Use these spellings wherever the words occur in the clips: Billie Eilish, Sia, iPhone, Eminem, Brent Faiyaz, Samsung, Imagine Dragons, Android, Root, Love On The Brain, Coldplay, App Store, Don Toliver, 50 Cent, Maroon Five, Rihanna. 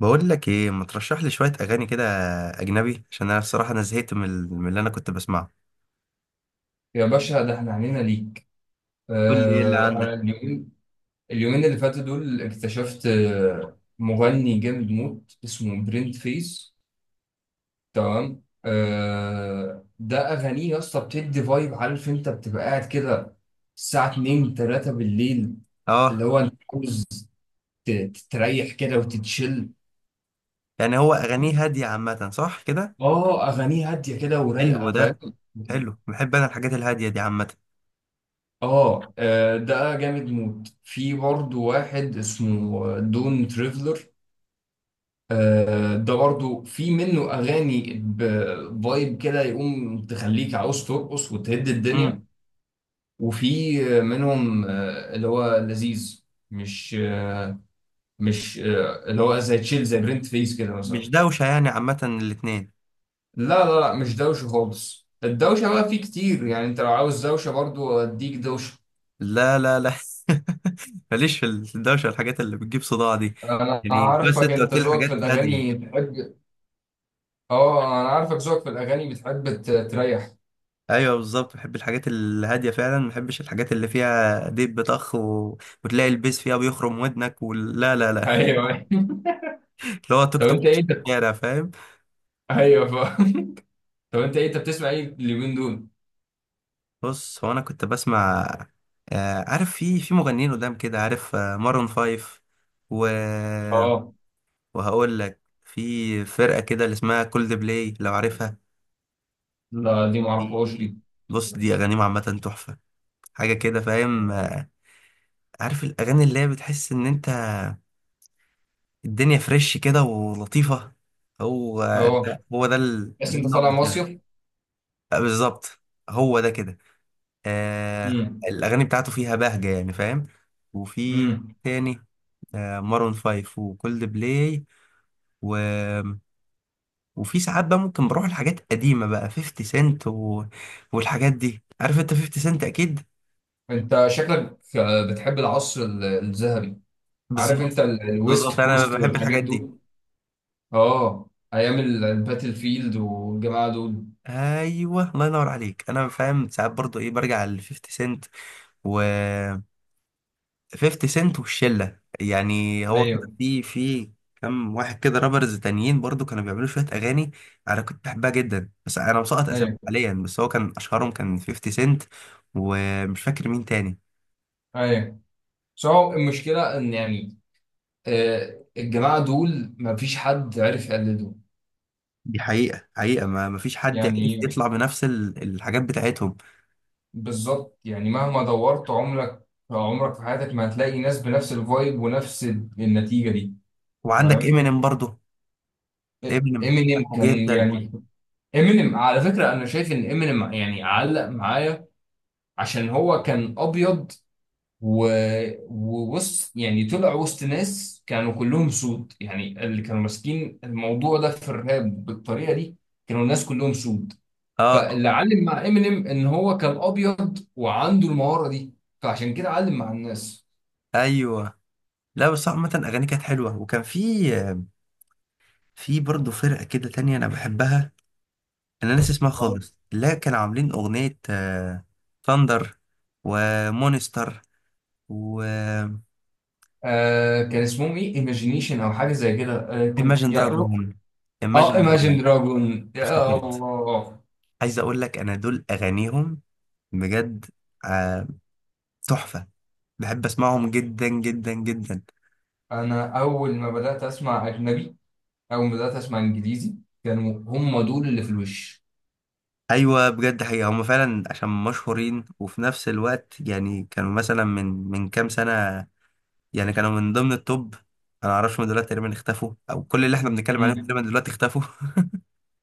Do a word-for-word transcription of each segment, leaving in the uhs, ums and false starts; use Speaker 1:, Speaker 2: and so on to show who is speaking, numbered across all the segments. Speaker 1: بقول لك ايه، ما ترشح لي شويه اغاني كده اجنبي؟ عشان انا الصراحه انا زهقت من ال- من اللي انا كنت بسمعه.
Speaker 2: يا باشا، ده احنا عنينا ليك.
Speaker 1: قول لي ايه اللي
Speaker 2: آه انا
Speaker 1: عندك.
Speaker 2: اليومين، اليومين اللي فاتوا دول اكتشفت آه، مغني جامد موت اسمه برنت فيس. تمام. آه ده اغانيه يا اسطى بتدي فايب. عارف انت بتبقى قاعد كده الساعة اتنين تلاته بالليل، اللي
Speaker 1: اه،
Speaker 2: هو انت عاوز ت- تستريح كده وتتشل.
Speaker 1: يعني هو اغانيه هاديه عامه، صح كده؟
Speaker 2: اه، اغانيه هادية كده
Speaker 1: حلو
Speaker 2: ورايقة،
Speaker 1: ده.
Speaker 2: فاهم.
Speaker 1: حلو، بحب انا الحاجات الهاديه دي عامه.
Speaker 2: اه، آه، ده جامد موت. في برضه واحد اسمه دون تريفلر. آه، ده برضو في منه اغاني بفايب كده يقوم تخليك عاوز ترقص وتهد
Speaker 1: امم
Speaker 2: الدنيا. وفي آه، منهم آه، اللي هو لذيذ. مش آه، مش آه، اللي هو زي تشيل زي برنت فيس كده
Speaker 1: مش
Speaker 2: مثلا.
Speaker 1: دوشه يعني عامه الاتنين؟
Speaker 2: لا لا لا، مش دوشه خالص. الدوشه بقى فيه كتير، يعني انت لو عاوز دوشه برضو اديك دوشه.
Speaker 1: لا لا لا. ماليش في الدوشه والحاجات اللي بتجيب صداع دي.
Speaker 2: انا
Speaker 1: يعني بس
Speaker 2: عارفك،
Speaker 1: انت
Speaker 2: انت
Speaker 1: قلت لي
Speaker 2: ذوقك في
Speaker 1: حاجات هاديه.
Speaker 2: الاغاني بتحب. اه، انا عارفك ذوقك في الاغاني بتحب ت- تريح.
Speaker 1: ايوه بالظبط، بحب الحاجات الهاديه فعلا، ما بحبش الحاجات اللي فيها ديب بطخ و... وتلاقي البيس فيها بيخرم ودنك، ولا لا لا.
Speaker 2: ايوه.
Speaker 1: اللي هو توك
Speaker 2: طب
Speaker 1: توك
Speaker 2: انت
Speaker 1: في
Speaker 2: ايه ده؟
Speaker 1: الشارع، فاهم.
Speaker 2: ايوه. طب انت ايه؟ انت بتسمع ايه اليومين دول؟
Speaker 1: بص، هو انا كنت بسمع آه عارف، في في مغنيين قدام كده، عارف آه مارون فايف و...
Speaker 2: اه.
Speaker 1: وهقول لك في فرقة كده اللي اسمها كولد بلاي، لو عارفها.
Speaker 2: لا، دي معرفهاش
Speaker 1: دي،
Speaker 2: دي.
Speaker 1: بص، دي اغانيهم عامة تحفة. حاجة كده، فاهم؟ آه، عارف الاغاني اللي هي بتحس ان انت الدنيا فريش كده ولطيفة. هو
Speaker 2: اه،
Speaker 1: ده، هو ده, ال...
Speaker 2: بس
Speaker 1: ده
Speaker 2: انت
Speaker 1: النوع
Speaker 2: طالع
Speaker 1: بتاعي.
Speaker 2: مصيف.
Speaker 1: آه، بالظبط، هو ده كده. آه،
Speaker 2: امم.
Speaker 1: الأغاني بتاعته فيها بهجة يعني، فاهم. وفي
Speaker 2: امم.
Speaker 1: تاني، آه مارون فايف وكولد بلاي و... وفي ساعات بقى ممكن بروح لحاجات قديمة بقى، فيفتي سنت و... والحاجات دي، عارف انت، فيفتي سنت أكيد.
Speaker 2: انت شكلك آه، بتحب العصر ال- الذهبي. عارف انت
Speaker 1: بالظبط،
Speaker 2: ال- الويست
Speaker 1: بالظبط، أنا
Speaker 2: كوست
Speaker 1: بحب
Speaker 2: والحاجات
Speaker 1: الحاجات دي.
Speaker 2: دول. اه، ايام ال- الباتل فيلد والجماعه دول.
Speaker 1: أيوه، الله ينور عليك، أنا فاهم. ساعات برضو إيه، برجع ل فيفتي سنت و... فيفتي سنت والشله. يعني هو كده
Speaker 2: ايوه،
Speaker 1: في في كم واحد كده رابرز تانيين برضو كانوا بيعملوا شويه اغاني، انا كنت بحبها جدا، بس انا مسقط اسامي
Speaker 2: ايوه،
Speaker 1: حاليا، بس هو كان اشهرهم كان خمسين سنت، ومش فاكر مين تاني.
Speaker 2: ايوه. بس هو المشكله ان يعني آه، الجماعه دول ما فيش حد عرف يقلده.
Speaker 1: دي حقيقه، حقيقه، ما ما فيش حد عرف
Speaker 2: يعني
Speaker 1: يطلع بنفس ال- الحاجات بتاعتهم.
Speaker 2: بالظبط. يعني مهما دورت عمرك عمرك في حياتك ما هتلاقي ناس بنفس الفايب ونفس النتيجة دي.
Speaker 1: وعندك
Speaker 2: فاهم.
Speaker 1: امينيم برضو، امينيم
Speaker 2: امينيم
Speaker 1: بحبه
Speaker 2: كان
Speaker 1: جدا.
Speaker 2: يعني، امينيم على فكرة انا شايف ان امينيم يعني علق معايا عشان هو كان ابيض و... ووسط. يعني طلع وسط ناس كانوا كلهم سود، يعني اللي كانوا ماسكين الموضوع ده في الراب بالطريقة دي كانوا الناس كلهم سود.
Speaker 1: اه
Speaker 2: فاللي علم مع امينيم ان هو كان ابيض وعنده المهارة دي، فعشان كده علم مع الناس.
Speaker 1: ايوه. لا بس عامه، اغاني كانت حلوه، وكان في، في برضه فرقه كده تانية انا بحبها، انا ناسي اسمها
Speaker 2: آه.
Speaker 1: خالص، لا، كانوا عاملين اغنية ثاندر ومونستر و
Speaker 2: آه، كان اسمهم ايه؟ ايماجينيشن او حاجه زي كده. آه، كان
Speaker 1: Imagine
Speaker 2: يا روك.
Speaker 1: Dragon
Speaker 2: اه،
Speaker 1: Imagine
Speaker 2: ايماجين
Speaker 1: Dragon،
Speaker 2: دراجون، يا
Speaker 1: افتكرت.
Speaker 2: الله.
Speaker 1: عايز اقول لك، انا دول اغانيهم بجد، آه، تحفة، بحب اسمعهم جدا جدا جدا.
Speaker 2: انا اول ما بدات اسمع اجنبي، اول ما بدات اسمع انجليزي، كانوا هم دول اللي في الوش.
Speaker 1: ايوه بجد، حقيقة هم فعلا عشان مشهورين، وفي نفس الوقت يعني كانوا مثلا من من كام سنة، يعني كانوا من ضمن التوب. انا معرفش، هم دلوقتي تقريبا اختفوا، او كل اللي احنا بنتكلم عليهم
Speaker 2: مم.
Speaker 1: تقريبا دلوقتي اختفوا.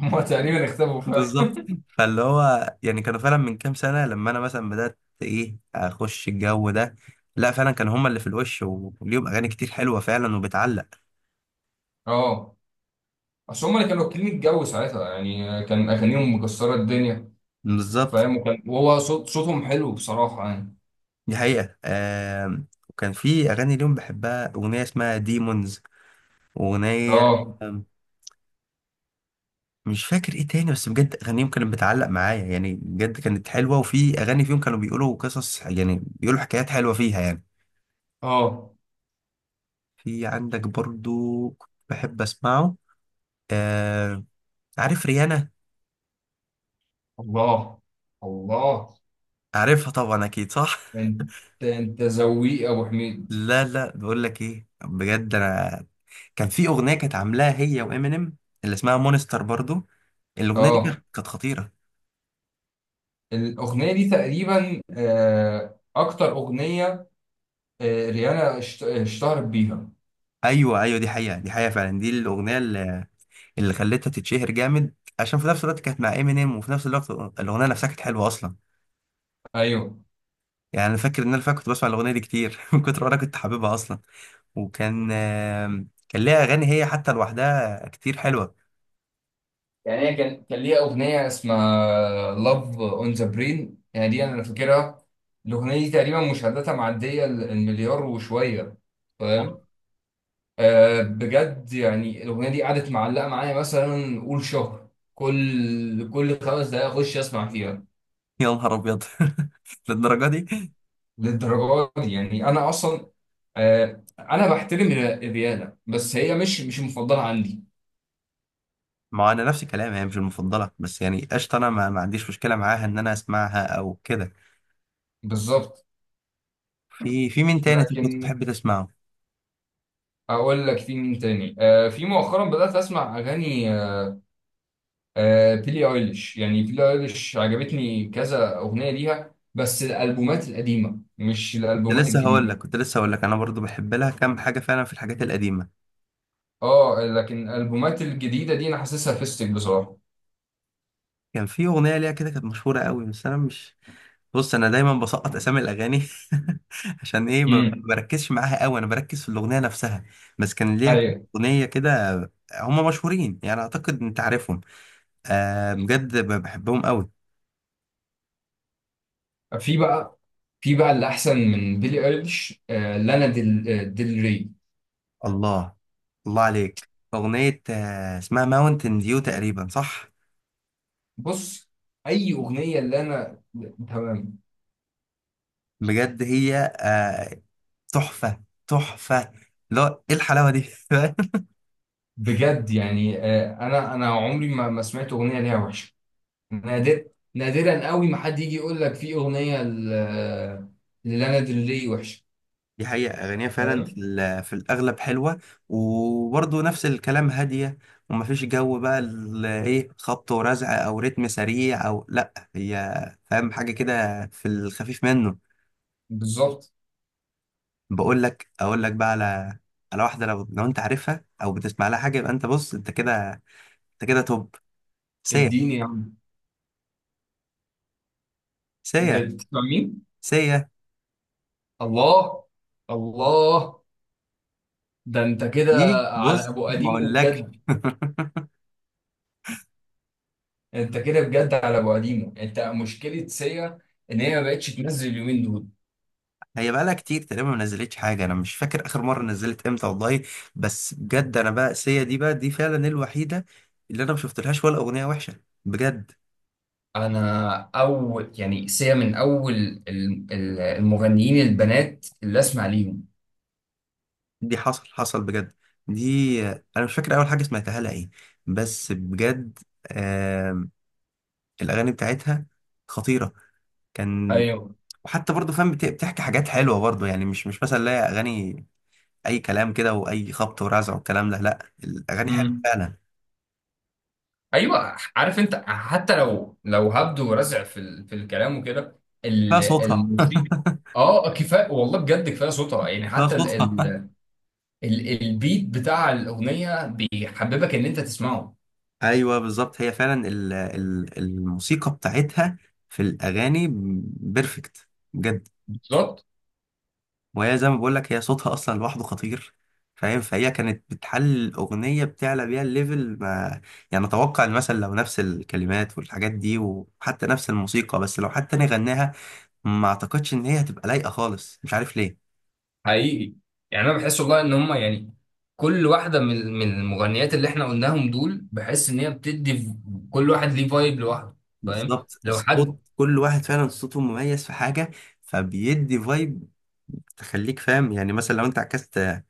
Speaker 2: هم تقريبا اختفوا فعلا.
Speaker 1: بالظبط. فاللي هو يعني كانوا فعلا من كام سنة، لما أنا مثلا بدأت إيه، أخش الجو ده، لا فعلا كانوا هما اللي في الوش، وليهم أغاني كتير حلوة فعلا وبتعلق.
Speaker 2: اه، اصل هم اللي كانوا واكلين الجو ساعتها، يعني آه، كان اغانيهم مكسره الدنيا.
Speaker 1: بالظبط.
Speaker 2: فاهم. وكان، وهو صوت صوتهم حلو بصراحه يعني.
Speaker 1: دي حقيقة. آم، وكان في أغاني ليهم بحبها، أغنية اسمها ديمونز وأغنية،
Speaker 2: اه،
Speaker 1: آم، مش فاكر إيه تاني، بس بجد أغانيهم كانت بتعلق معايا يعني، بجد كانت حلوة، وفي أغاني فيهم كانوا بيقولوا قصص، يعني بيقولوا حكايات حلوة فيها يعني.
Speaker 2: اه.
Speaker 1: في عندك برضو كنت بحب أسمعه، آه، عارف ريانا؟
Speaker 2: الله، الله.
Speaker 1: عارفها طبعا، اكيد صح.
Speaker 2: انت انت ذويق يا ابو حميد.
Speaker 1: لا لا، بقول لك ايه بجد، انا كان في اغنيه كانت عاملاها هي وامينيم، اللي اسمها مونستر برضو، الاغنيه دي
Speaker 2: اه،
Speaker 1: كانت، كانت خطيره.
Speaker 2: الاغنيه دي تقريبا آه، اكتر اغنيه آه، ريانا اشت- اشتهرت بيها.
Speaker 1: ايوه ايوه، دي حقيقه، دي حقيقه فعلا، دي الاغنيه اللي, اللي خلتها تتشهر جامد، عشان في نفس الوقت كانت مع امينيم، وفي نفس الوقت الاغنيه نفسها كانت حلوه اصلا.
Speaker 2: ايوه.
Speaker 1: يعني انا فاكر ان انا فاكر كنت بسمع الاغنيه دي كتير من كتر ما انا كنت حاببها اصلا. وكان آم، كان ليها اغاني هي حتى لوحدها كتير حلوه.
Speaker 2: يعني هي كان كان ليها اغنيه اسمها لاف اون ذا برين. يعني دي انا فاكرها. الاغنيه دي تقريبا مشاهداتها معديه ال- المليار وشويه.
Speaker 1: أوه،
Speaker 2: فاهم. آه، بجد يعني الاغنيه دي قعدت معلقه معايا مثلا قول شهر، كل كل خمس دقائق اخش اسمع فيها.
Speaker 1: يا نهار ابيض. للدرجه دي؟
Speaker 2: للدرجه دي يعني. انا اصلا آه انا بحترم الر- الرياضه بس هي مش مش المفضله عندي.
Speaker 1: ما انا نفس الكلام، هي مش المفضله، بس يعني قشطه، انا ما, ما عنديش مشكله معاها ان انا اسمعها او كده.
Speaker 2: بالظبط.
Speaker 1: في، في مين تاني طب كنت
Speaker 2: لكن
Speaker 1: بتحب تسمعه؟
Speaker 2: اقول لك في مين تاني. آه في مؤخرا بدات اسمع اغاني. آه بيلي ايليش، يعني بيلي ايليش عجبتني كذا اغنيه ليها، بس الالبومات القديمه مش
Speaker 1: كنت
Speaker 2: الالبومات
Speaker 1: لسه هقول
Speaker 2: الجديده.
Speaker 1: لك، كنت لسه هقول لك، انا برضو بحب لها كام حاجه فعلا في الحاجات القديمه.
Speaker 2: اه، لكن الالبومات الجديده دي انا حاسسها فيستك بصراحه.
Speaker 1: كان في اغنيه ليها كده كانت مشهوره قوي، بس انا مش، بص انا دايما بسقط اسامي الاغاني عشان ايه، ما
Speaker 2: امم.
Speaker 1: بركزش معاها قوي، انا بركز في الاغنيه نفسها. بس كان ليها
Speaker 2: ايوه.
Speaker 1: اغنيه كده، هم مشهورين يعني، اعتقد انت عارفهم. أه بجد، بحبهم قوي.
Speaker 2: في بقى في بقى اللي احسن من بيلي ايليش، آه لانا ديل، آه، ديل ري.
Speaker 1: الله، الله عليك. أغنية آه، اسمها ماونتن ديو تقريبا، صح؟
Speaker 2: بص، اي اغنيه اللي انا، تمام.
Speaker 1: بجد هي آه، تحفة، تحفة، لا ايه الحلاوة دي!
Speaker 2: بجد يعني، آه، انا انا عمري ما ما سمعت اغنيه ليها وحشه. نادر. نادرا قوي ما حد يجي يقول لك في اغنيه ل- آه، للانا دري وحشه.
Speaker 1: دي حقيقة، أغانيها فعلا في
Speaker 2: تمام.
Speaker 1: ال- في الأغلب حلوة، وبرضه نفس الكلام، هادية، ومفيش جو بقى ال- إيه، خبط ورزع أو رتم سريع، أو لأ، هي فاهم، حاجة كده في الخفيف منه.
Speaker 2: بالظبط.
Speaker 1: بقول لك، أقول لك بقى على، على واحدة، لو لو أنت عارفها أو بتسمع لها حاجة، يبقى أنت بص، أنت كده، أنت كده توب. سيا.
Speaker 2: اديني يا عم.
Speaker 1: سيا.
Speaker 2: بتسمع مين؟
Speaker 1: سيا.
Speaker 2: الله، الله. ده انت كده
Speaker 1: دي،
Speaker 2: على
Speaker 1: بص،
Speaker 2: ابو
Speaker 1: ما
Speaker 2: قديمه،
Speaker 1: اقولكش.
Speaker 2: بجد. انت كده بجد على ابو قديمه. انت مشكله سيا ان هي ما بقتش تنزل اليومين دول.
Speaker 1: هي بقالها كتير تقريبا ما نزلتش حاجه، انا مش فاكر اخر مره نزلت امتى والله. بس بجد انا بقى، سيا دي بقى، دي فعلا الوحيده اللي انا ما شفتلهاش ولا اغنيه وحشه بجد.
Speaker 2: انا اول يعني سيا من اول ال- ال- المغنيين البنات اللي اسمع ليهم.
Speaker 1: دي حصل، حصل بجد، دي انا مش فاكر اول حاجه سمعتها لها ايه، بس بجد، آم... الاغاني بتاعتها خطيره. كان،
Speaker 2: ايوه.
Speaker 1: وحتى برضه فاهم، بت- بتحكي حاجات حلوه برضه يعني، مش، مش مثلا لا، اغاني اي كلام كده، واي خبط ورزع والكلام ده، لا، الاغاني حلوه
Speaker 2: امم.
Speaker 1: فعلا.
Speaker 2: ايوه، عارف انت، حتى لو لو هبدو ورزع في ال، في الكلام وكده،
Speaker 1: فيها
Speaker 2: ال-
Speaker 1: صوتها.
Speaker 2: الموسيقى. اه، كفايه والله، بجد كفايه صوتها. يعني
Speaker 1: فيها
Speaker 2: حتى ال، ال،
Speaker 1: صوتها.
Speaker 2: ال، البيت بتاع الاغنيه بيحببك ان انت تسمعه.
Speaker 1: ايوه بالظبط، هي فعلا ال- ال- الموسيقى بتاعتها في الاغاني بيرفكت، بجد.
Speaker 2: بالظبط.
Speaker 1: وهي زي ما بقول لك، هي صوتها اصلا لوحده خطير، فاهم. فهي كانت بتحل الاغنيه، بتعلى بيها الليفل ما، يعني اتوقع ان مثلا لو نفس الكلمات والحاجات دي، وحتى نفس الموسيقى، بس لو حتى انا غناها، ما اعتقدش ان هي هتبقى لايقه خالص، مش عارف ليه.
Speaker 2: حقيقي. يعني انا بحس والله ان هم يعني كل واحده من من المغنيات اللي احنا قلناهم دول، بحس ان هي بتدي ف- كل واحد ليه فايب لوحده. فاهم.
Speaker 1: بالظبط،
Speaker 2: لو
Speaker 1: الصوت،
Speaker 2: حد.
Speaker 1: كل واحد فعلا صوته مميز في حاجة، فبيدي فايب، تخليك فاهم يعني. مثلا لو انت عكست،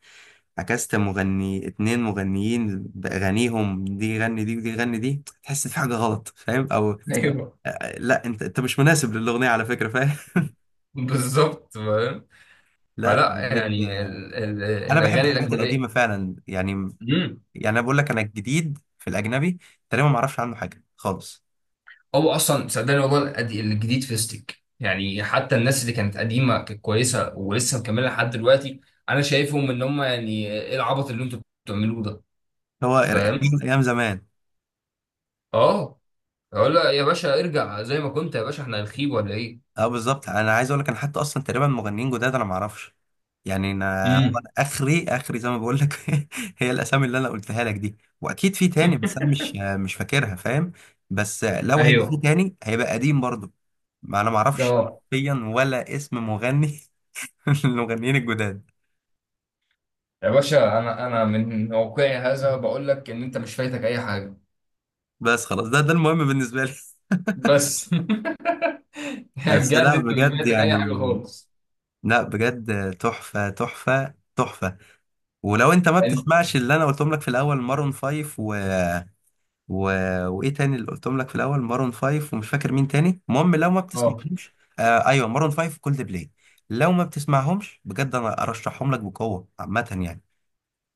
Speaker 1: عكست مغني، اتنين مغنيين بأغانيهم، دي غني دي ودي غني دي، تحس في حاجة غلط، فاهم، او آه،
Speaker 2: ايوه
Speaker 1: آه، لا انت، انت مش مناسب للأغنية على فكرة، فاهم.
Speaker 2: بالظبط، فاهم.
Speaker 1: لا
Speaker 2: فلا
Speaker 1: بجد
Speaker 2: يعني
Speaker 1: آه،
Speaker 2: ال- ال-
Speaker 1: انا بحب
Speaker 2: الاغاني
Speaker 1: الحاجات
Speaker 2: الاجنبيه.
Speaker 1: القديمة فعلا يعني.
Speaker 2: امم.
Speaker 1: يعني انا بقول لك، انا الجديد في الأجنبي تقريبا ما اعرفش عنه حاجة خالص.
Speaker 2: هو اصلا صدقني والله القد- الجديد فيستك، يعني حتى الناس اللي كانت قديمه كانت كويسه ولسه مكمله لحد دلوقتي. انا شايفهم ان هم يعني ايه العبط اللي انتوا بتعملوه ده.
Speaker 1: هو
Speaker 2: فاهم.
Speaker 1: ايام زمان.
Speaker 2: اه. اقول له يا باشا ارجع زي ما كنت، يا باشا احنا هنخيب ولا ايه.
Speaker 1: اه بالظبط، انا عايز اقول لك، انا حتى اصلا تقريبا مغنيين جداد انا ما اعرفش، يعني انا هو،
Speaker 2: امم.
Speaker 1: أنا اخري اخري زي ما بقول لك. هي الاسامي اللي انا قلتها لك دي، واكيد في تاني بس انا مش، مش فاكرها، فاهم. بس لو هيبقى في
Speaker 2: ايوه.
Speaker 1: تاني هيبقى قديم برضه، ما انا ما اعرفش
Speaker 2: اه.
Speaker 1: فيا ولا اسم مغني من المغنيين الجداد.
Speaker 2: يا باشا انا انا من واقعي هذا بقول لك ان انت مش فايتك اي حاجه.
Speaker 1: بس خلاص، ده ده المهم بالنسبه لي.
Speaker 2: بس
Speaker 1: بس
Speaker 2: بجد
Speaker 1: لا
Speaker 2: انت مش
Speaker 1: بجد
Speaker 2: فايتك اي
Speaker 1: يعني،
Speaker 2: حاجه خالص.
Speaker 1: لا بجد، تحفه تحفه تحفه. ولو انت ما
Speaker 2: يعني.
Speaker 1: بتسمعش اللي انا قلتهم لك في الاول، مارون فايف و، و... وايه تاني اللي قلتهم لك في الاول؟ مارون فايف ومش فاكر مين تاني، المهم لو ما
Speaker 2: اه،
Speaker 1: بتسمعهمش، آه ايوه، مارون فايف وكولد بلاي، لو ما بتسمعهمش بجد انا ارشحهم لك بقوه عامه يعني.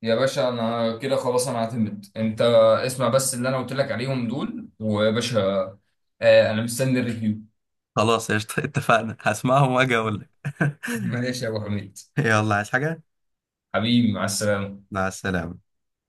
Speaker 2: يا باشا انا كده خلاص، انا اعتمد. انت اسمع بس اللي انا قلت لك عليهم دول، ويا باشا آه انا مستني الريفيو.
Speaker 1: خلاص قشطة. اتفقنا، هسمعهم واجي اقول لك.
Speaker 2: ماشي يا ابو حميد.
Speaker 1: يلا، عايز حاجه؟
Speaker 2: حبيبي، مع السلامه.
Speaker 1: مع السلامه.